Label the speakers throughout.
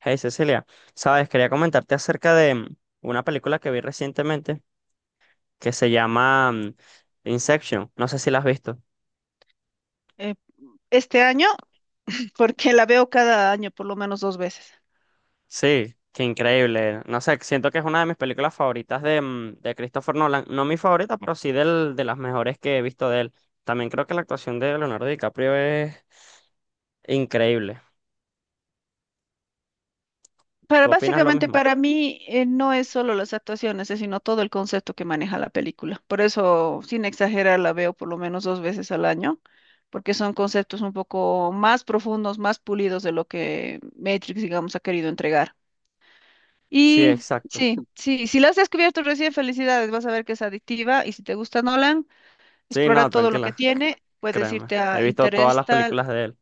Speaker 1: Hey Cecilia, sabes, quería comentarte acerca de una película que vi recientemente que se llama Inception. No sé si la has visto.
Speaker 2: eh, este año porque la veo cada año por lo menos dos veces.
Speaker 1: Sí, qué increíble. No sé, siento que es una de mis películas favoritas de Christopher Nolan. No mi favorita, pero sí de las mejores que he visto de él. También creo que la actuación de Leonardo DiCaprio es increíble.
Speaker 2: Para
Speaker 1: ¿Tú opinas lo
Speaker 2: básicamente
Speaker 1: mismo?
Speaker 2: para mí, no es solo las actuaciones, es sino todo el concepto que maneja la película. Por eso, sin exagerar, la veo por lo menos dos veces al año, porque son conceptos un poco más profundos, más pulidos de lo que Matrix, digamos, ha querido entregar.
Speaker 1: Sí,
Speaker 2: Y
Speaker 1: exacto.
Speaker 2: sí, sí, si la has descubierto recién, felicidades, vas a ver que es adictiva y si te gusta Nolan,
Speaker 1: Sí,
Speaker 2: explora
Speaker 1: no,
Speaker 2: todo lo que
Speaker 1: tranquila,
Speaker 2: tiene. Puedes
Speaker 1: créeme.
Speaker 2: irte
Speaker 1: He
Speaker 2: a
Speaker 1: visto todas las
Speaker 2: Interestelar.
Speaker 1: películas de él.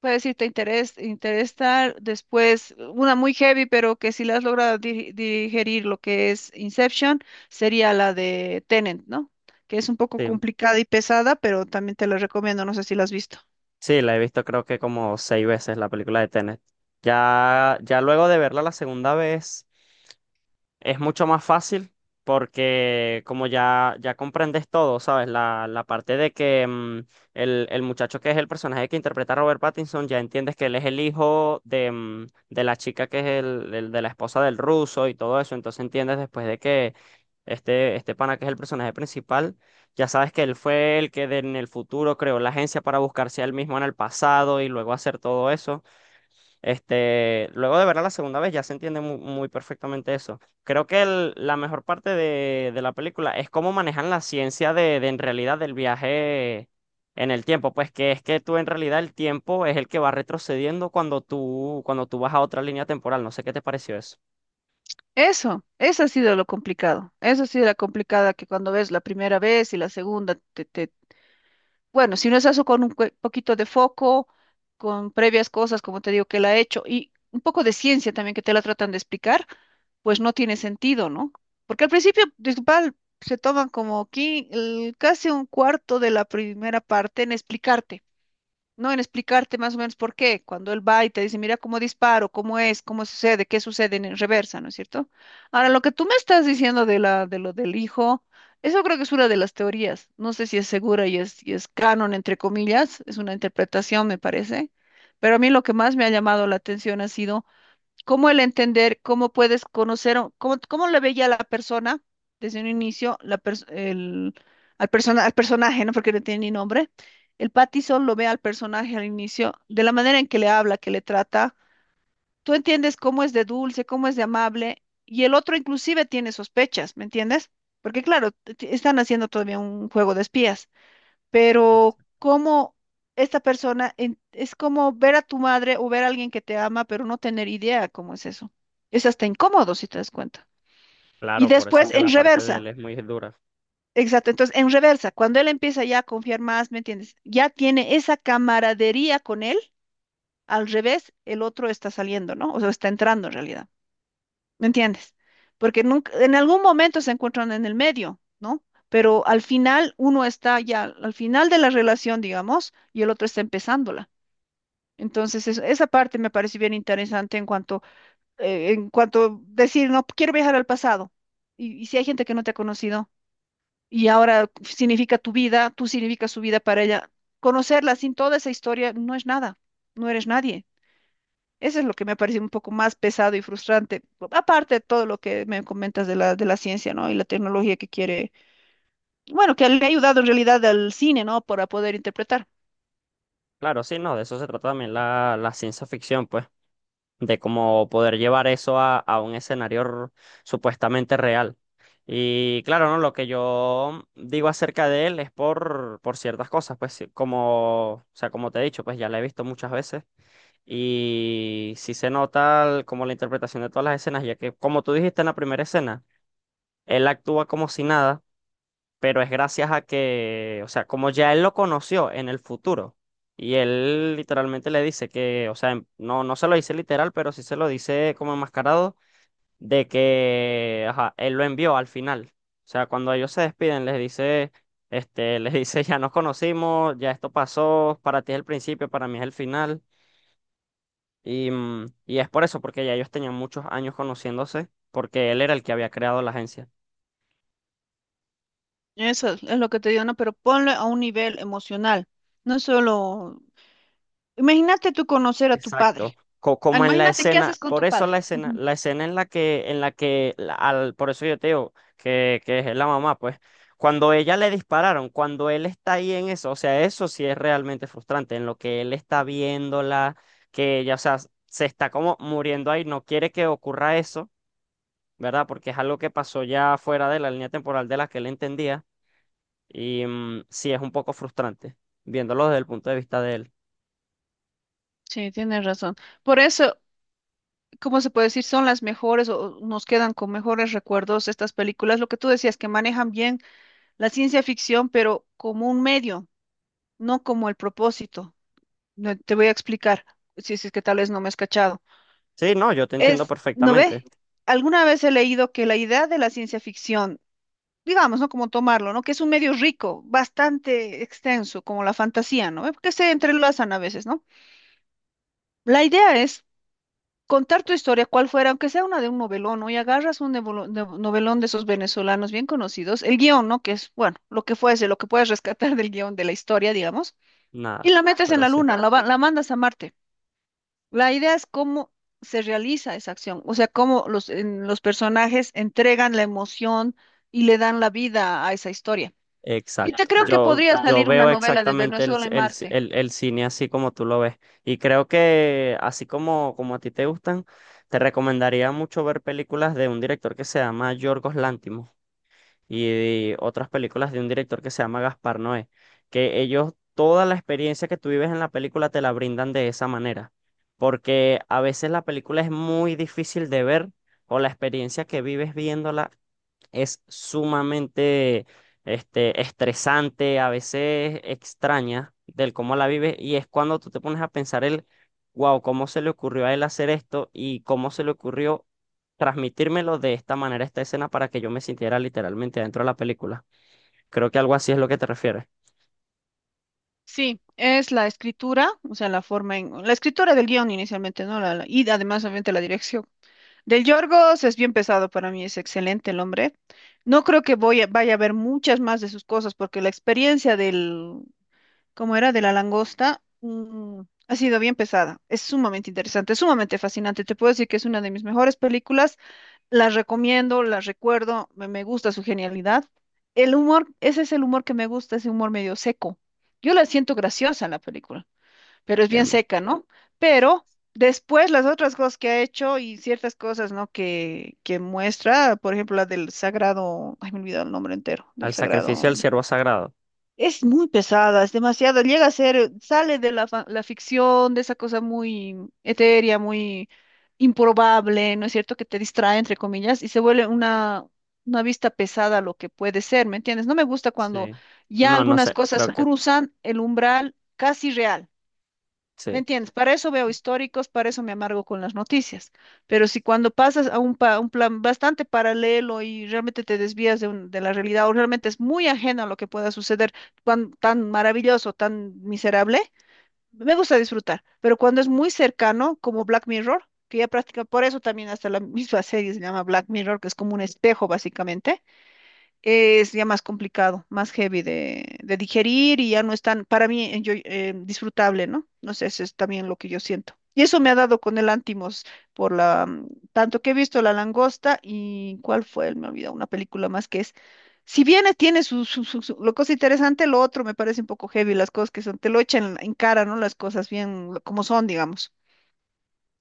Speaker 2: Puede decir, te interesar después una muy heavy, pero que si la has logrado digerir lo que es Inception, sería la de Tenet, ¿no? Que es un poco
Speaker 1: Sí.
Speaker 2: complicada y pesada, pero también te la recomiendo, no sé si la has visto.
Speaker 1: Sí, la he visto creo que como 6 veces la película de Tenet. Ya luego de verla la 2.ª vez. Es mucho más fácil porque como ya comprendes todo, ¿sabes? La parte de que el muchacho que es el personaje que interpreta a Robert Pattinson, ya entiendes que él es el hijo de la chica que es de la esposa del ruso y todo eso. Entonces entiendes después de que este pana que es el personaje principal, ya sabes que él fue el que en el futuro creó la agencia para buscarse a él mismo en el pasado y luego hacer todo eso. Luego de verla la segunda vez ya se entiende muy perfectamente eso. Creo que la mejor parte de la película es cómo manejan la ciencia de en realidad del viaje en el tiempo. Pues que es que tú en realidad el tiempo es el que va retrocediendo cuando cuando tú vas a otra línea temporal. No sé qué te pareció eso.
Speaker 2: Eso ha sido lo complicado. Eso ha sido la complicada que cuando ves la primera vez y la segunda. Bueno, si no es eso con un poquito de foco, con previas cosas, como te digo, que la he hecho, y un poco de ciencia también que te la tratan de explicar pues no tiene sentido, ¿no? Porque al principio, disculpa, se toman como casi un cuarto de la primera parte en explicarte, ¿no? En explicarte más o menos por qué. Cuando él va y te dice, mira cómo disparo, cómo es, cómo sucede, qué sucede en reversa, ¿no es cierto? Ahora, lo que tú me estás diciendo de lo del hijo, eso creo que es una de las teorías. No sé si es segura y es canon, entre comillas, es una interpretación, me parece. Pero a mí lo que más me ha llamado la atención ha sido cómo el entender, cómo puedes conocer, cómo le veía a la persona desde un inicio, la pers- el, al, persona, al personaje, ¿no? Porque no tiene ni nombre. El Pattison lo ve al personaje al inicio, de la manera en que le habla, que le trata. Tú entiendes cómo es de dulce, cómo es de amable, y el otro inclusive tiene sospechas, ¿me entiendes? Porque claro, están haciendo todavía un juego de espías pero
Speaker 1: Exacto.
Speaker 2: cómo esta persona es como ver a tu madre o ver a alguien que te ama, pero no tener idea cómo es eso. Es hasta incómodo si te das cuenta. Y
Speaker 1: Claro, por eso es
Speaker 2: después
Speaker 1: que
Speaker 2: en
Speaker 1: la parte de él
Speaker 2: reversa.
Speaker 1: es muy dura.
Speaker 2: Exacto, entonces en reversa, cuando él empieza ya a confiar más, ¿me entiendes? Ya tiene esa camaradería con él, al revés, el otro está saliendo, ¿no? O sea, está entrando en realidad, ¿me entiendes? Porque nunca, en algún momento se encuentran en el medio, ¿no? Pero al final uno está ya, al final de la relación, digamos, y el otro está empezándola. Entonces, esa parte me parece bien interesante en cuanto decir, no, quiero viajar al pasado. Y si hay gente que no te ha conocido y ahora significa tu vida, tú significas su vida para ella, conocerla sin toda esa historia no es nada, no eres nadie. Eso es lo que me parece un poco más pesado y frustrante, aparte de todo lo que me comentas de la ciencia, ¿no? Y la tecnología que quiere, bueno, que le ha ayudado en realidad al cine, ¿no? Para poder interpretar.
Speaker 1: Claro, sí, no, de eso se trata también la ciencia ficción, pues. De cómo poder llevar eso a un escenario supuestamente real. Y claro, ¿no? Lo que yo digo acerca de él es por ciertas cosas, pues sí, como, o sea, como te he dicho, pues ya la he visto muchas veces y sí se nota como la interpretación de todas las escenas, ya que como tú dijiste en la 1.ª escena, él actúa como si nada pero es gracias a que, o sea, como ya él lo conoció en el futuro, y él literalmente le dice que, o sea, no se lo dice literal, pero sí se lo dice como enmascarado, de que, ajá, él lo envió al final. O sea, cuando ellos se despiden, les dice, les dice, ya nos conocimos, ya esto pasó, para ti es el principio, para mí es el final. Y es por eso, porque ya ellos tenían muchos años conociéndose, porque él era el que había creado la agencia.
Speaker 2: Eso es lo que te digo, ¿no? Pero ponle a un nivel emocional, no solo. Imagínate tú conocer a tu padre.
Speaker 1: Exacto.
Speaker 2: Ah,
Speaker 1: Como en la
Speaker 2: imagínate qué
Speaker 1: escena,
Speaker 2: haces con
Speaker 1: por
Speaker 2: tu
Speaker 1: eso
Speaker 2: padre. Ujú.
Speaker 1: la escena en la que por eso yo te digo que es la mamá, pues, cuando ella le dispararon, cuando él está ahí en eso, o sea, eso sí es realmente frustrante, en lo que él está viéndola, que ella, o sea, se está como muriendo ahí, no quiere que ocurra eso, ¿verdad? Porque es algo que pasó ya fuera de la línea temporal de la que él entendía, y sí es un poco frustrante, viéndolo desde el punto de vista de él.
Speaker 2: Sí, tienes razón. Por eso, ¿cómo se puede decir? Son las mejores o nos quedan con mejores recuerdos estas películas. Lo que tú decías, que manejan bien la ciencia ficción, pero como un medio, no como el propósito. No, te voy a explicar, si es que tal vez no me has cachado.
Speaker 1: Sí, no, yo te entiendo
Speaker 2: Es, ¿no ve?
Speaker 1: perfectamente.
Speaker 2: Alguna vez he leído que la idea de la ciencia ficción digamos, ¿no? Como tomarlo, ¿no? Que es un medio rico, bastante extenso, como la fantasía, ¿no? Que se entrelazan a veces, ¿no? La idea es contar tu historia, cual fuera, aunque sea una de un novelón, ¿no? Y agarras un novelón de esos venezolanos bien conocidos, el guión, ¿no? Que es, bueno, lo que fuese, lo que puedes rescatar del guión de la historia, digamos, y
Speaker 1: Nada,
Speaker 2: la metes en
Speaker 1: pero
Speaker 2: la
Speaker 1: sí.
Speaker 2: luna, la mandas a Marte. La idea es cómo se realiza esa acción, o sea, cómo los personajes entregan la emoción y le dan la vida a esa historia. Y te
Speaker 1: Exacto.
Speaker 2: creo que
Speaker 1: Yo,
Speaker 2: podría
Speaker 1: yo
Speaker 2: salir una
Speaker 1: veo
Speaker 2: novela de
Speaker 1: exactamente el,
Speaker 2: Venezuela en
Speaker 1: el,
Speaker 2: Marte.
Speaker 1: el- el cine así como tú lo ves. Y creo que así como, como a ti te gustan, te recomendaría mucho ver películas de un director que se llama Yorgos Lanthimos y otras películas de un director que se llama Gaspar Noé, que ellos toda la experiencia que tú vives en la película te la brindan de esa manera, porque a veces la película es muy difícil de ver o la experiencia que vives viéndola es sumamente estresante, a veces extraña del cómo la vive, y es cuando tú te pones a pensar wow, ¿cómo se le ocurrió a él hacer esto y cómo se le ocurrió transmitírmelo de esta manera, esta escena, para que yo me sintiera literalmente dentro de la película? Creo que algo así es lo que te refieres,
Speaker 2: Sí, es la escritura, o sea, la forma la escritura del guión inicialmente, ¿no? Y además, obviamente, la dirección. Del Yorgos es bien pesado para mí, es excelente el hombre. No creo que vaya a ver muchas más de sus cosas porque la experiencia del, ¿cómo era? De la langosta, ha sido bien pesada. Es sumamente interesante, es sumamente fascinante. Te puedo decir que es una de mis mejores películas. Las recomiendo, las recuerdo, me gusta su genialidad. El humor, ese es el humor que me gusta, ese humor medio seco. Yo la siento graciosa en la película, pero es bien
Speaker 1: bien,
Speaker 2: seca, ¿no? Pero después las otras cosas que ha hecho y ciertas cosas, ¿no? Que muestra, por ejemplo, la del sagrado, ay, me he olvidado el nombre entero, del
Speaker 1: al sacrificio
Speaker 2: sagrado.
Speaker 1: del siervo sagrado.
Speaker 2: Es muy pesada, es demasiado, llega a ser, sale de la ficción, de esa cosa muy etérea, muy improbable, ¿no es cierto? Que te distrae, entre comillas, y se vuelve una vista pesada a lo que puede ser, ¿me entiendes? No me gusta cuando
Speaker 1: Sí.
Speaker 2: ya
Speaker 1: No, no
Speaker 2: algunas
Speaker 1: sé,
Speaker 2: cosas
Speaker 1: creo que
Speaker 2: cruzan el umbral casi real. ¿Me
Speaker 1: sí.
Speaker 2: entiendes? Para eso veo históricos, para eso me amargo con las noticias. Pero si cuando pasas a un plan bastante paralelo y realmente te desvías de la realidad o realmente es muy ajeno a lo que pueda suceder, tan, tan maravilloso, tan miserable, me gusta disfrutar. Pero cuando es muy cercano, como Black Mirror, que ya practica, por eso también hasta la misma serie se llama Black Mirror, que es como un espejo básicamente es ya más complicado, más heavy de digerir y ya no es tan, para mí, disfrutable, ¿no? No sé, eso es también lo que yo siento. Y eso me ha dado con el Antimos, por la, tanto que he visto La Langosta y ¿cuál fue? Me olvidó, una película más que es. Si bien tiene lo cosa interesante, lo otro me parece un poco heavy, las cosas que son, te lo echan en cara, ¿no? Las cosas bien como son, digamos.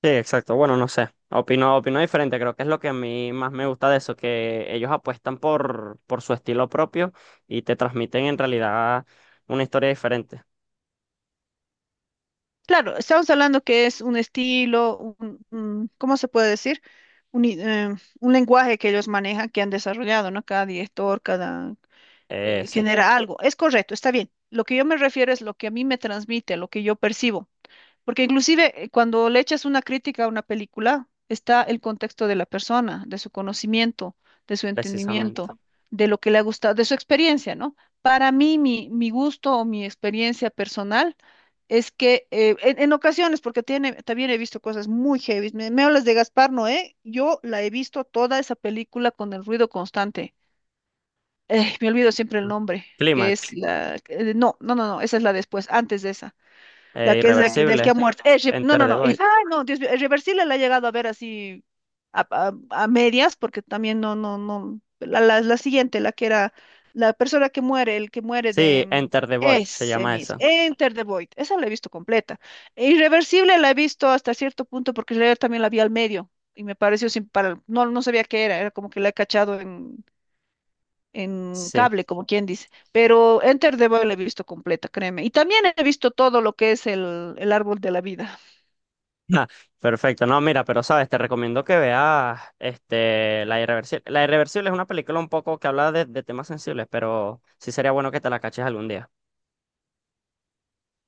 Speaker 1: Sí, exacto. Bueno, no sé. Opino, opino diferente. Creo que es lo que a mí más me gusta de eso, que ellos apuestan por su estilo propio y te transmiten en realidad una historia diferente.
Speaker 2: Claro, estamos hablando que es un estilo, ¿cómo se puede decir? Un, i- eh, un lenguaje que ellos manejan, que han desarrollado, ¿no? Cada director, cada
Speaker 1: Sí,
Speaker 2: genera algo. Es correcto, está bien. Lo que yo me refiero es lo que a mí me transmite, lo que yo percibo. Porque inclusive cuando le echas una crítica a una película, está el contexto de la persona, de su conocimiento, de su
Speaker 1: precisamente.
Speaker 2: entendimiento, de lo que le ha gustado, de su experiencia, ¿no? Para mí, mi gusto o mi experiencia personal es que en ocasiones, porque tiene, también he visto cosas muy heavy. Me hablas de Gaspar Noé, yo la he visto toda esa película con el ruido constante. Me olvido siempre el
Speaker 1: Mm.
Speaker 2: nombre, que es
Speaker 1: Clímax,
Speaker 2: la. No, no, no, no, esa es la después, antes de esa la que es ah, del que ha
Speaker 1: Irreversible,
Speaker 2: muerto. No,
Speaker 1: Enter
Speaker 2: no,
Speaker 1: the
Speaker 2: no.
Speaker 1: Void.
Speaker 2: Ay, no, Dios mío, es reversible la he llegado a ver así a, a- a medias, porque también no, no, no. La siguiente, la que era la persona que muere, el que muere de.
Speaker 1: Sí,
Speaker 2: mm,
Speaker 1: Enter the Void se
Speaker 2: Ese
Speaker 1: llama
Speaker 2: mismo,
Speaker 1: esa.
Speaker 2: Enter the Void, esa la he visto completa. Irreversible la he visto hasta cierto punto porque en realidad también la vi al medio y me pareció sin para, no, no sabía qué era, era como que la he cachado en
Speaker 1: Sí.
Speaker 2: cable, como quien dice. Pero Enter the Void la he visto completa, créeme. Y también he visto todo lo que es el árbol de la vida.
Speaker 1: Ah, perfecto. No, mira, pero sabes, te recomiendo que veas este, La Irreversible. La Irreversible es una película un poco que habla de temas sensibles, pero sí sería bueno que te la caches algún día.